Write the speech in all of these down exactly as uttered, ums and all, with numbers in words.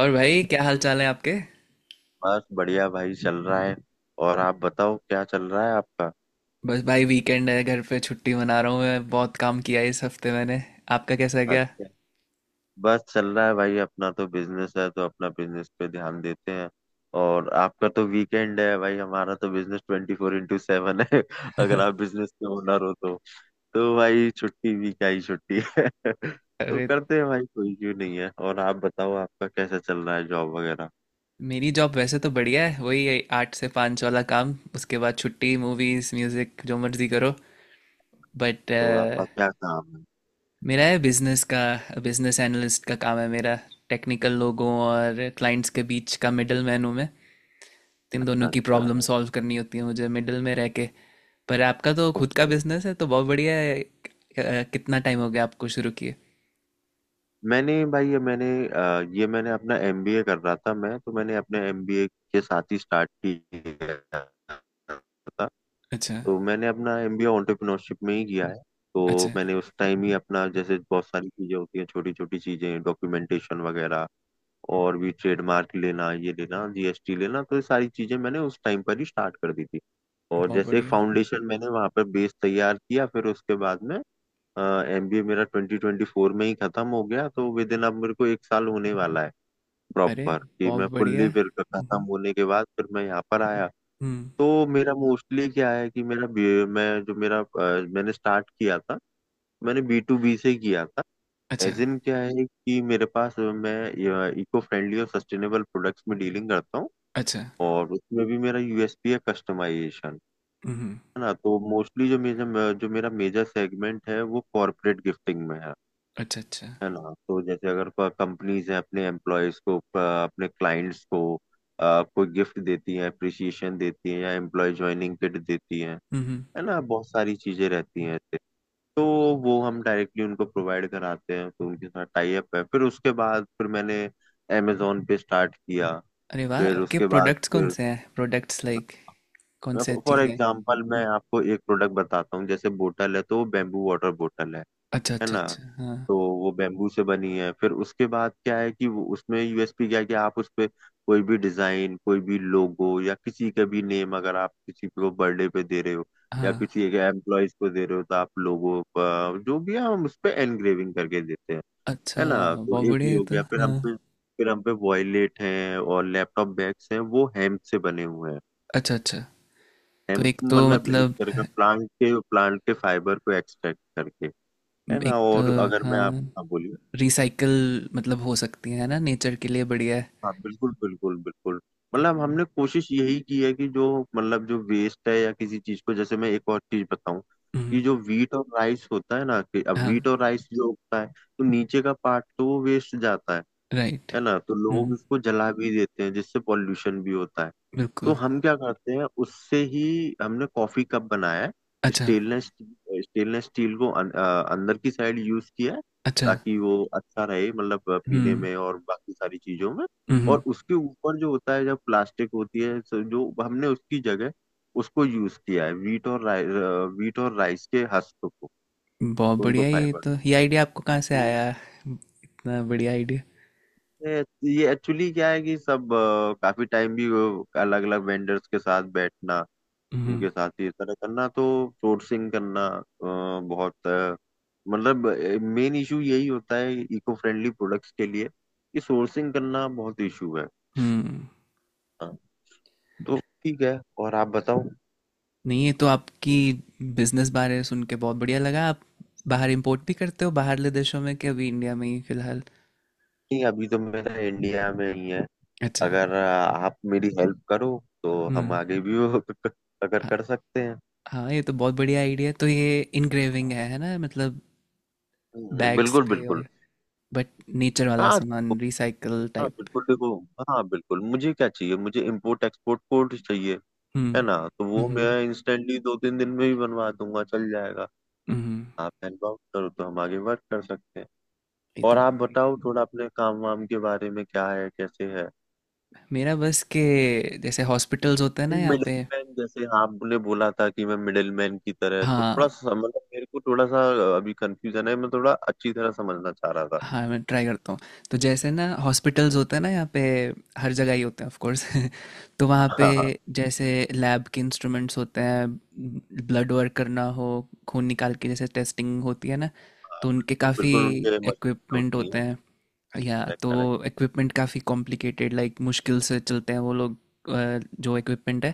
और भाई क्या हाल चाल है आपके। बस बढ़िया भाई, चल रहा है। और आप बताओ, क्या चल रहा है आपका? बस भाई वीकेंड है, घर पे छुट्टी मना रहा हूँ। मैं बहुत काम किया है इस हफ्ते मैंने। आपका कैसा गया। अच्छा। बस चल रहा है भाई, अपना तो बिजनेस है, तो अपना बिजनेस पे ध्यान देते हैं। और आपका तो वीकेंड है भाई, हमारा तो business twenty four into seven है अगर आप बिजनेस के ओनर हो तो। तो भाई छुट्टी भी क्या ही छुट्टी है तो अरे, करते हैं भाई, कोई इश्यू नहीं है। और आप बताओ, आपका कैसा चल रहा है, जॉब वगैरह? मेरी जॉब वैसे तो बढ़िया है, वही है, आठ से पाँच वाला काम, उसके बाद छुट्टी मूवीज म्यूजिक जो मर्जी करो। बट तो आपका क्या काम है? मेरा है बिजनेस का। बिजनेस एनालिस्ट का काम है मेरा। टेक्निकल लोगों और क्लाइंट्स के बीच का मिडल मैन हूँ मैं। इन दोनों की अच्छा प्रॉब्लम सॉल्व करनी होती है मुझे मिडिल में रह के। पर आपका तो खुद का अच्छा। बिजनेस है तो बहुत बढ़िया है। अ, कितना टाइम हो गया आपको शुरू किए। मैंने भाई ये मैंने अ, ये मैंने अपना एम बी ए कर रहा था, मैं तो मैंने अपने एम बी ए के साथ ही स्टार्ट किया था। अच्छा, तो मैंने अपना एमबीए एंटरप्रेन्योरशिप में ही किया है। तो अच्छा। मैंने उस टाइम ही अपना, जैसे बहुत सारी चीजें होती हैं, छोटी छोटी चीजें, डॉक्यूमेंटेशन वगैरह, और भी ट्रेडमार्क लेना, ये लेना, जी एस टी लेना, तो ये सारी चीजें मैंने उस टाइम पर ही स्टार्ट कर दी थी। और बहुत जैसे एक बढ़िया। फाउंडेशन मैंने वहां पर बेस तैयार किया, फिर उसके बाद में एम बी ए मेरा ट्वेंटी ट्वेंटी फोर में ही खत्म हो गया, तो विद इन अब मेरे को एक साल होने वाला है अरे, प्रॉपर, कि बहुत मैं बढ़िया। फुल्ली फिर खत्म हम्म। होने के बाद फिर मैं यहाँ पर आया। हम्म। तो मेरा मोस्टली क्या है कि मेरा बी- मैं जो मेरा अ, मैंने स्टार्ट किया था, मैंने बी टू बी से किया था। अच्छा, एज इन क्या है कि मेरे पास अ, मैं इको फ्रेंडली और सस्टेनेबल प्रोडक्ट्स में डीलिंग करता हूँ। अच्छा। और उसमें भी मेरा यू एस पी है कस्टमाइजेशन। हम्म। है ना, तो मोस्टली जो मेरा जो मेरा मेजर सेगमेंट है वो कॉर्पोरेट गिफ्टिंग में है। अच्छा, अच्छा। है ना, तो जैसे अगर कंपनीज हैं, अपने एम्प्लॉयज को अ, अपने क्लाइंट्स को अ, कोई गिफ्ट देती है, अप्रिसिएशन देती है, या एम्प्लॉय ज्वाइनिंग किट देती है हम्म। है ना, बहुत सारी चीजें रहती हैं ऐसे। तो वो हम डायरेक्टली उनको प्रोवाइड कराते हैं, तो उनके साथ टाई अप है। फिर उसके बाद फिर मैंने अमेजोन पे स्टार्ट किया। अरे वाह, फिर आपके उसके बाद प्रोडक्ट्स कौन फिर से हैं? प्रोडक्ट्स लाइक कौन से फॉर चीज़ें हैं? एग्जाम्पल मैं आपको एक प्रोडक्ट बताता हूँ, जैसे बोटल है तो वो बेम्बू वाटर बोटल है। अच्छा, है अच्छा, ना, अच्छा, हाँ। तो वो बेम्बू से बनी है। फिर उसके बाद क्या है कि वो, उसमें यू एस पी क्या है कि आप उस पे कोई भी डिजाइन, कोई भी लोगो या किसी का भी नेम, अगर आप किसी को बर्थडे पे दे रहे हो या हाँ। किसी एक एम्प्लॉयज को दे रहे हो, तो आप लोगो जो भी है हम उस पे एनग्रेविंग करके देते हैं। अच्छा। है ना, तो बहुत एक बढ़िया ये है। हो तो गया। फिर हम हाँ, पे फिर हम पे वॉयलेट हैं और लैपटॉप बैग्स हैं, वो हेम्प से बने हुए हैं। अच्छा, अच्छा। तो हेम्प एक तो मतलब एक मतलब, तरह का प्लांट के प्लांट के फाइबर को एक्सट्रैक्ट करके। है ना, एक तो और अगर मैं आप, हाँ, हाँ, बोलिए। रिसाइकल मतलब हो सकती हैं, है ना, नेचर के लिए बढ़िया है। हाँ बिल्कुल बिल्कुल बिल्कुल। मतलब हमने कोशिश यही की है कि जो, मतलब जो वेस्ट है या किसी चीज को, जैसे मैं एक और चीज बताऊं हम्म। कि जो वीट और राइस होता है ना, कि अब हाँ। वीट और राइस जो होता है, तो नीचे का पार्ट तो वो वेस्ट जाता है। राइट। है ना, तो लोग हम्म। उसको जला भी देते हैं, जिससे पॉल्यूशन भी होता है। तो बिल्कुल। हम क्या करते हैं, उससे ही हमने कॉफी कप बनाया है। अच्छा। स्टेनलेस स्टेनलेस स्टील को अन- अ, अंदर की साइड यूज किया है, अच्छा। ताकि वो अच्छा रहे मतलब अ, पीने हम्म। में और बाकी सारी चीजों में। हम्म। और उसके ऊपर जो होता है, जब प्लास्टिक होती है, तो जो हमने उसकी जगह उसको यूज किया है वीट और राइ, वीट और राइस के हस्क को, बहुत उनको बढ़िया। ये फाइबर। तो ये आइडिया आपको कहाँ से तो आया? इतना बढ़िया आइडिया। ये ये एक्चुअली क्या है कि सब अ, काफी टाइम भी अलग अलग वेंडर्स के साथ बैठना, हम्म। उनके साथ ये तरह करना, तो सोर्सिंग करना अ, बहुत अ, मतलब मेन इशू यही होता है इको फ्रेंडली प्रोडक्ट्स के लिए कि सोर्सिंग करना बहुत इशू है। हम्म। हाँ, तो ठीक है, और आप बताओ? नहीं, ये तो आपकी बिजनेस बारे सुन के बहुत बढ़िया लगा। आप बाहर इंपोर्ट भी करते हो बाहरले देशों में कि अभी इंडिया में ही फिलहाल। नहीं, अभी तो मेरा इंडिया में ही है। अच्छा। अगर अ, आप मेरी हेल्प करो तो हम हम्म। आगे भी वो अगर हाँ। कर सकते हैं। हाँ, ये तो बहुत बढ़िया आइडिया है। तो ये इनग्रेविंग है है ना, मतलब हम्म, बैग्स बिल्कुल पे। बिल्कुल। और बट नेचर वाला हाँ सामान, रिसाइकल हाँ टाइप। बिल्कुल, देखो। हाँ बिल्कुल, मुझे क्या चाहिए, मुझे इम्पोर्ट एक्सपोर्ट कोड चाहिए, है हम्म। ना, तो हम्म। वो मैं हम्म। इंस्टेंटली दो तीन दिन में ही बनवा दूंगा, चल जाएगा। हम्म। आप हेल्प आउट करो तो हम आगे वर्क कर सकते हैं। ये तो और आप बहुत बढ़िया बताओ थोड़ा, अपने काम वाम के बारे में क्या है, कैसे है? है। मेरा बस के, जैसे हॉस्पिटल्स होते हैं ना यहाँ मिडिल पे। मैन, जैसे आपने बोला था कि मैं मिडिल मैन की तरह, तो थोड़ा हाँ। सा मतलब मेरे को थोड़ा सा अभी कंफ्यूजन है, मैं थोड़ा अच्छी तरह समझना चाह रहा था। हाँ, मैं ट्राई करता हूँ। तो जैसे ना हॉस्पिटल्स होते हैं ना यहाँ पे, हर जगह ही होते हैं ऑफ कोर्स। तो वहाँ पे, हाँ हाँ जैसे लैब के इंस्ट्रूमेंट्स होते हैं, ब्लड वर्क करना हो, खून निकाल के जैसे टेस्टिंग होती है ना। हाँ, तो उनके बिल्कुल काफ़ी बिल्कुल उनके मशीन इक्विपमेंट होती होते है। हैं। या करेक्ट करेक्ट। तो इक्विपमेंट काफ़ी कॉम्प्लिकेटेड, लाइक मुश्किल से चलते हैं वो लोग अ, जो इक्विपमेंट है।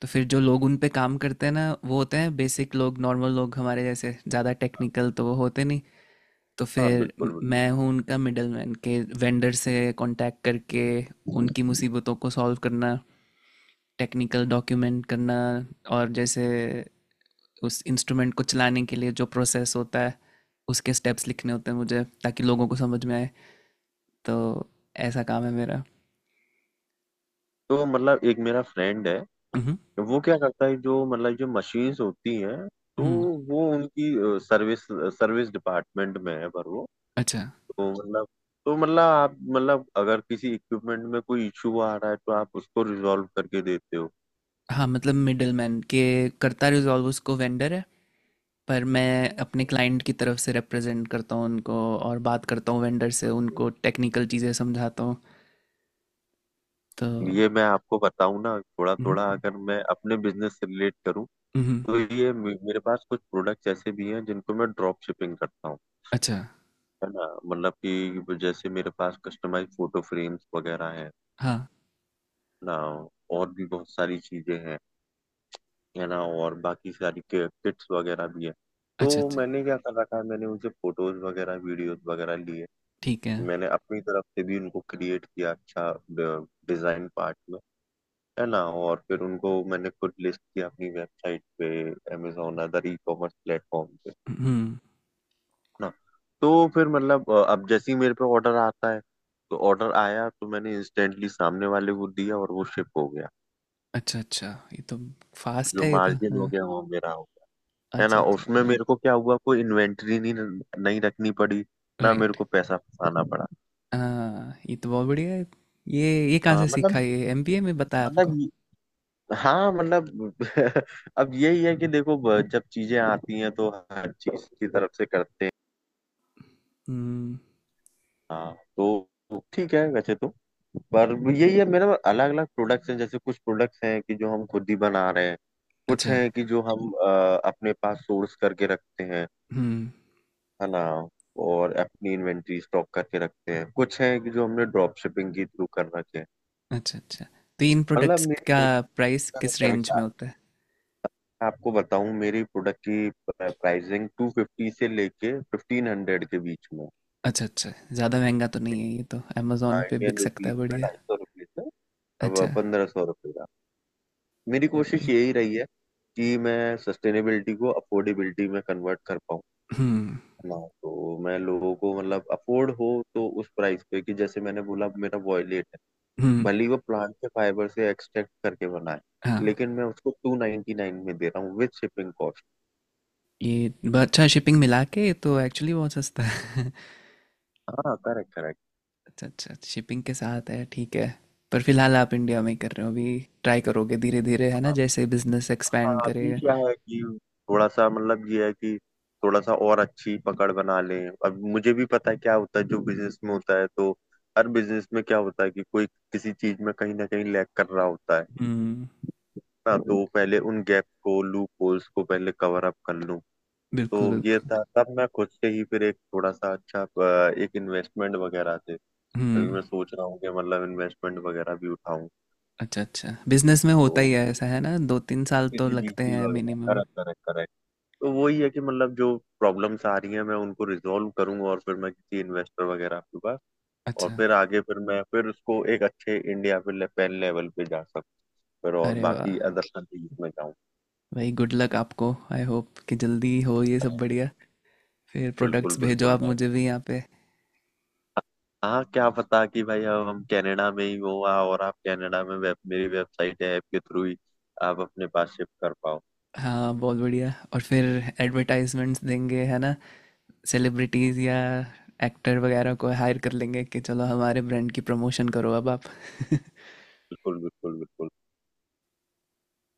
तो फिर जो लोग उन पे काम करते हैं ना, वो होते हैं बेसिक लोग, नॉर्मल लोग हमारे जैसे, ज़्यादा टेक्निकल तो वो होते नहीं। तो हाँ फिर म- बिल्कुल बिल्कुल। मैं हूँ उनका मिडल मैन, के वेंडर से कांटेक्ट करके उनकी मुसीबतों को सॉल्व करना, टेक्निकल डॉक्यूमेंट करना। और जैसे उस इंस्ट्रूमेंट को चलाने के लिए जो प्रोसेस होता है, उसके स्टेप्स लिखने होते हैं मुझे ताकि लोगों को समझ में आए। तो ऐसा काम है मेरा। तो मतलब एक मेरा फ्रेंड है, हम्म। वो क्या करता है, जो मतलब जो मशीन्स होती हैं, तो हम्म। वो उनकी सर्विस सर्विस डिपार्टमेंट में है, पर वो। अच्छा। तो मतलब तो मतलब आप, मतलब अगर किसी इक्विपमेंट में कोई इशू आ रहा है तो आप उसको रिजॉल्व करके देते हो? हाँ, मतलब मिडलमैन के, करता रिजॉल्व उसको वेंडर है, पर मैं अपने क्लाइंट की तरफ से रिप्रेजेंट करता हूँ उनको और बात करता हूँ वेंडर से, उनको टेक्निकल चीज़ें समझाता हूँ। तो हम्म। ये मैं आपको बताऊं ना, थोड़ा थोड़ा, अगर मैं अपने बिजनेस से रिलेट करूं, हम्म। तो ये मे- मेरे पास कुछ प्रोडक्ट्स ऐसे भी हैं जिनको मैं ड्रॉप शिपिंग करता हूँ। अच्छा। है ना, मतलब कि जैसे मेरे पास कस्टमाइज फोटो फ्रेम्स वगैरह हैं हाँ। ना, और भी बहुत सारी चीजें हैं। है ना, और बाकी सारी किट्स वगैरह भी है। तो अच्छा, अच्छा। मैंने क्या कर रखा है, मैंने उनसे फोटोज वगैरह वीडियोस वगैरह लिए, ठीक है। मैंने अपनी तरफ से भी उनको क्रिएट किया अच्छा डिजाइन पार्ट में, है ना, और फिर उनको मैंने खुद लिस्ट किया अपनी वेबसाइट पे, Amazon other e commerce platform पे। है हम्म। ना, तो फिर मतलब अ, अब जैसे ही मेरे पे ऑर्डर आता है, तो ऑर्डर आया तो मैंने इंस्टेंटली सामने वाले को दिया और वो शिप हो गया। अच्छा, अच्छा। ये तो फास्ट जो है ये तो, मार्जिन हो हाँ। गया वो मेरा हो। है अच्छा, ना, अच्छा। उसमें मेरे को क्या हुआ, कोई इन्वेंट्री नहीं नहीं रखनी पड़ी, ना मेरे राइट। को पैसा फंसाना पड़ा। हाँ, ये तो बहुत बढ़िया है। ये ये कहाँ हाँ से सीखा? मतलब ये एमबीए में बताया आपको? मतलब ये- हाँ मतलब अब यही है कि देखो, ब- जब चीजें आती हैं तो हर चीज की तरफ से करते हैं, हम्म। हाँ। तो ठीक है वैसे तो, पर यही है मेरा, अलग अलग प्रोडक्ट्स हैं, जैसे कुछ प्रोडक्ट्स हैं कि जो हम खुद ही बना रहे हैं, कुछ अच्छा। हैं कि जो हम अ, अपने पास सोर्स करके रखते हैं, हम्म। है ना, और अपनी इन्वेंट्री स्टॉक करके रखते हैं, कुछ है कि जो हमने ड्रॉप शिपिंग के थ्रू कर रखे हैं। अच्छा, अच्छा। तो इन मतलब प्रोडक्ट्स मेरी का प्राइस कोशिश किस है कि, रेंज में होता है? आपको बताऊं, मेरी प्रोडक्ट की प्राइसिंग टू फिफ्टी से लेके फिफ्टीन हंड्रेड के बीच में, अच्छा, अच्छा। ज़्यादा महँगा तो नहीं है ये तो, अमेज़न हाँ पे बिक इंडियन सकता है, रुपीज में, बढ़िया। ढाई सौ रुपये से अच्छा, अब पंद्रह सौ रुपये का। मेरी बहुत कोशिश बढ़िया। यही रही है कि मैं सस्टेनेबिलिटी को अफोर्डेबिलिटी में कन्वर्ट कर पाऊँ, हुँ। है ना, तो मैं लोगों को, मतलब अफोर्ड हो तो उस प्राइस पे, कि जैसे मैंने बोला मेरा वॉयलेट, हुँ। भले ही वो प्लांट के फाइबर से एक्सट्रैक्ट करके बनाए, हाँ। लेकिन मैं उसको टू नाइनटी नाइन में दे रहा हूँ विद शिपिंग कॉस्ट। ये ब अच्छा, शिपिंग मिला के ये तो एक्चुअली बहुत सस्ता है। हाँ करेक्ट करेक्ट। अच्छा, अच्छा, शिपिंग के साथ है, ठीक है। पर फ़िलहाल आप इंडिया में ही कर रहे हो अभी, ट्राई करोगे धीरे-धीरे, है ना, हाँ जैसे बिज़नेस एक्सपैंड हाँ, अभी करेगा। क्या है कि थोड़ा सा मतलब ये है कि थोड़ा सा और अच्छी पकड़ बना लें। अब मुझे भी पता है क्या होता है जो बिजनेस में होता है, तो हर बिजनेस में क्या होता है कि कोई किसी चीज में कहीं ना कहीं लैग कर रहा होता है, हुँ, ना, तो पहले उन गैप को, लूप होल्स को पहले कवर अप कर लूं। तो बिल्कुल, ये बिल्कुल। था, तब मैं खुद से ही फिर एक थोड़ा सा अच्छा अ, एक इन्वेस्टमेंट वगैरह थे। अभी हुँ, मैं सोच रहा हूँ कि मतलब इन्वेस्टमेंट वगैरह भी उठाऊं, अच्छा, अच्छा। बिज़नेस में तो होता ही है ऐसा, है ना, दो तीन साल तो किसी लगते बी सी हैं वगैरह। मिनिमम। Correct correct correct. तो वही है कि मतलब जो प्रॉब्लम्स आ रही हैं मैं उनको रिजॉल्व करूंगा, और फिर मैं किसी इन्वेस्टर वगैरह के पास, और अच्छा। फिर आगे फिर मैं फिर उसको एक अच्छे इंडिया पे ले, पेन लेवल पे जा सकूँ, फिर और अरे वाह, बाकी अदर कंट्रीज में जाऊँ। भाई गुड लक आपको, आई होप कि जल्दी हो ये सब, बढ़िया। फिर बिल्कुल प्रोडक्ट्स भेजो बिल्कुल। आप मुझे भी यहाँ पे। हाँ क्या पता कि भाई, अब हम कनाडा में ही हो आ- और आप कनाडा में वेब, मेरी वेबसाइट है ऐप के थ्रू ही आप अपने पास शिफ्ट कर पाओ। हाँ, बहुत बढ़िया। और फिर एडवर्टाइजमेंट्स देंगे, है ना, सेलिब्रिटीज़ या एक्टर वगैरह को हायर कर लेंगे कि चलो हमारे ब्रांड की प्रमोशन करो अब आप। बिल्कुल बिल्कुल बिल्कुल।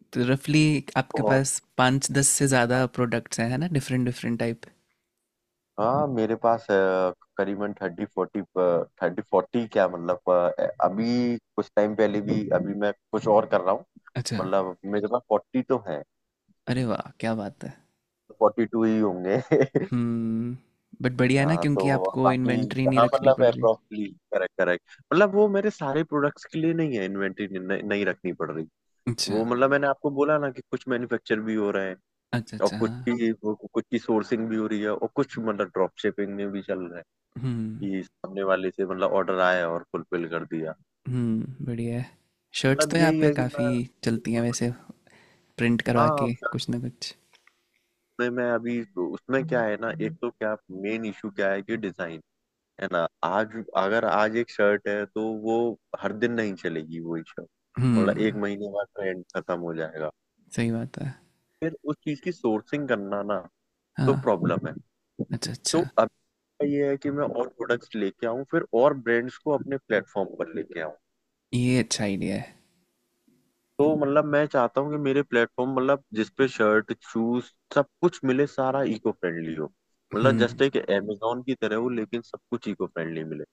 तो रफली आपके बहुत। पास पाँच दस से ज़्यादा हाँ प्रोडक्ट्स हैं, है ना, डिफरेंट डिफरेंट टाइप। हाँ, मेरे पास अ, करीबन थर्टी फोर्टी, थर्टी फोर्टी क्या, मतलब अ, अभी कुछ टाइम पहले भी, अभी मैं कुछ और कर रहा हूँ, अच्छा। मतलब मेरे पास फोर्टी तो है, अरे वाह, क्या बात है। फोर्टी टू ही होंगे हम्म। बट बढ़िया है ना, हाँ तो क्योंकि आपको बाकी, इन्वेंट्री नहीं हाँ रखनी मतलब पड़ रही। अप्रोप्रियली, करेक्ट करेक्ट, मतलब वो मेरे सारे प्रोडक्ट्स के लिए नहीं है, इन्वेंटरी नहीं रखनी पड़ रही। अच्छा, वो मतलब मैंने आपको बोला ना कि कुछ मैन्युफैक्चर भी हो रहा है, अच्छा, और अच्छा, कुछ हाँ। की वो- कुछ की सोर्सिंग भी हो रही है, और कुछ मतलब ड्रॉप शिपिंग में भी चल रहा है, हम्म। कि सामने वाले से मतलब ऑर्डर आया और फुलफिल कर दिया। हम्म। बढ़िया है। शर्ट्स मतलब तो यहाँ यही पे है कि काफ़ी मैं, चलती हैं वैसे, प्रिंट करवा हाँ के साथ कुछ ना कुछ। में, मैं अभी उसमें क्या है ना, एक तो क्या, मेन इशू क्या है कि डिजाइन, है ना, आज अगर आज एक शर्ट है तो वो हर दिन नहीं चलेगी वही शर्ट, मतलब हम्म। एक महीने बाद ट्रेंड खत्म हो जाएगा, सही बात है। फिर उस चीज की सोर्सिंग करना, ना, तो हाँ। प्रॉब्लम है। अच्छा, अच्छा। तो अब, तो ये है कि मैं और प्रोडक्ट्स लेके आऊँ, फिर और ब्रांड्स को अपने प्लेटफॉर्म पर लेके आऊँ। ये अच्छा आइडिया है। तो मतलब मैं चाहता हूँ कि मेरे प्लेटफॉर्म, मतलब जिसपे शर्ट, शूज, सब कुछ मिले, सारा इको फ्रेंडली हो, मतलब हम्म। जस्ट एक अमेजोन की तरह हो, लेकिन सब कुछ इको फ्रेंडली मिले,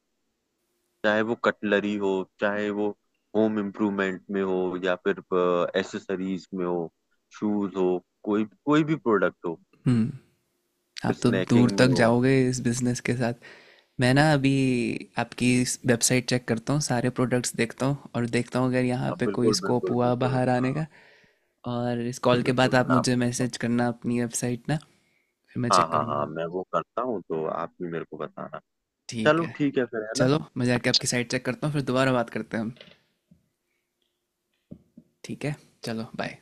चाहे वो कटलरी हो, चाहे वो होम इम्प्रूवमेंट में हो, या फिर एसेसरीज में हो, शूज हो, कोई कोई भी प्रोडक्ट हो, हम्म। फिर आप तो दूर स्नैकिंग तक में हो। जाओगे इस बिजनेस के साथ। मैं ना अभी आपकी वेबसाइट चेक करता हूँ, सारे प्रोडक्ट्स देखता हूँ, और देखता हूँ अगर यहाँ हाँ पे कोई बिल्कुल स्कोप बिल्कुल हुआ बिल्कुल। बाहर आने हाँ का। और इस कॉल के बाद बिल्कुल, आप मैं मुझे आपको बताऊँ। मैसेज करना अपनी वेबसाइट ना, फिर मैं हाँ चेक हाँ करूँगा। हाँ, मैं वो करता हूँ, तो आप भी मेरे को बताना। ठीक चलो, है, ठीक है फिर, है ना। चलो मैं जाके आपकी साइट चेक करता हूँ, फिर दोबारा बात करते हैं हम। ठीक है। चलो बाय।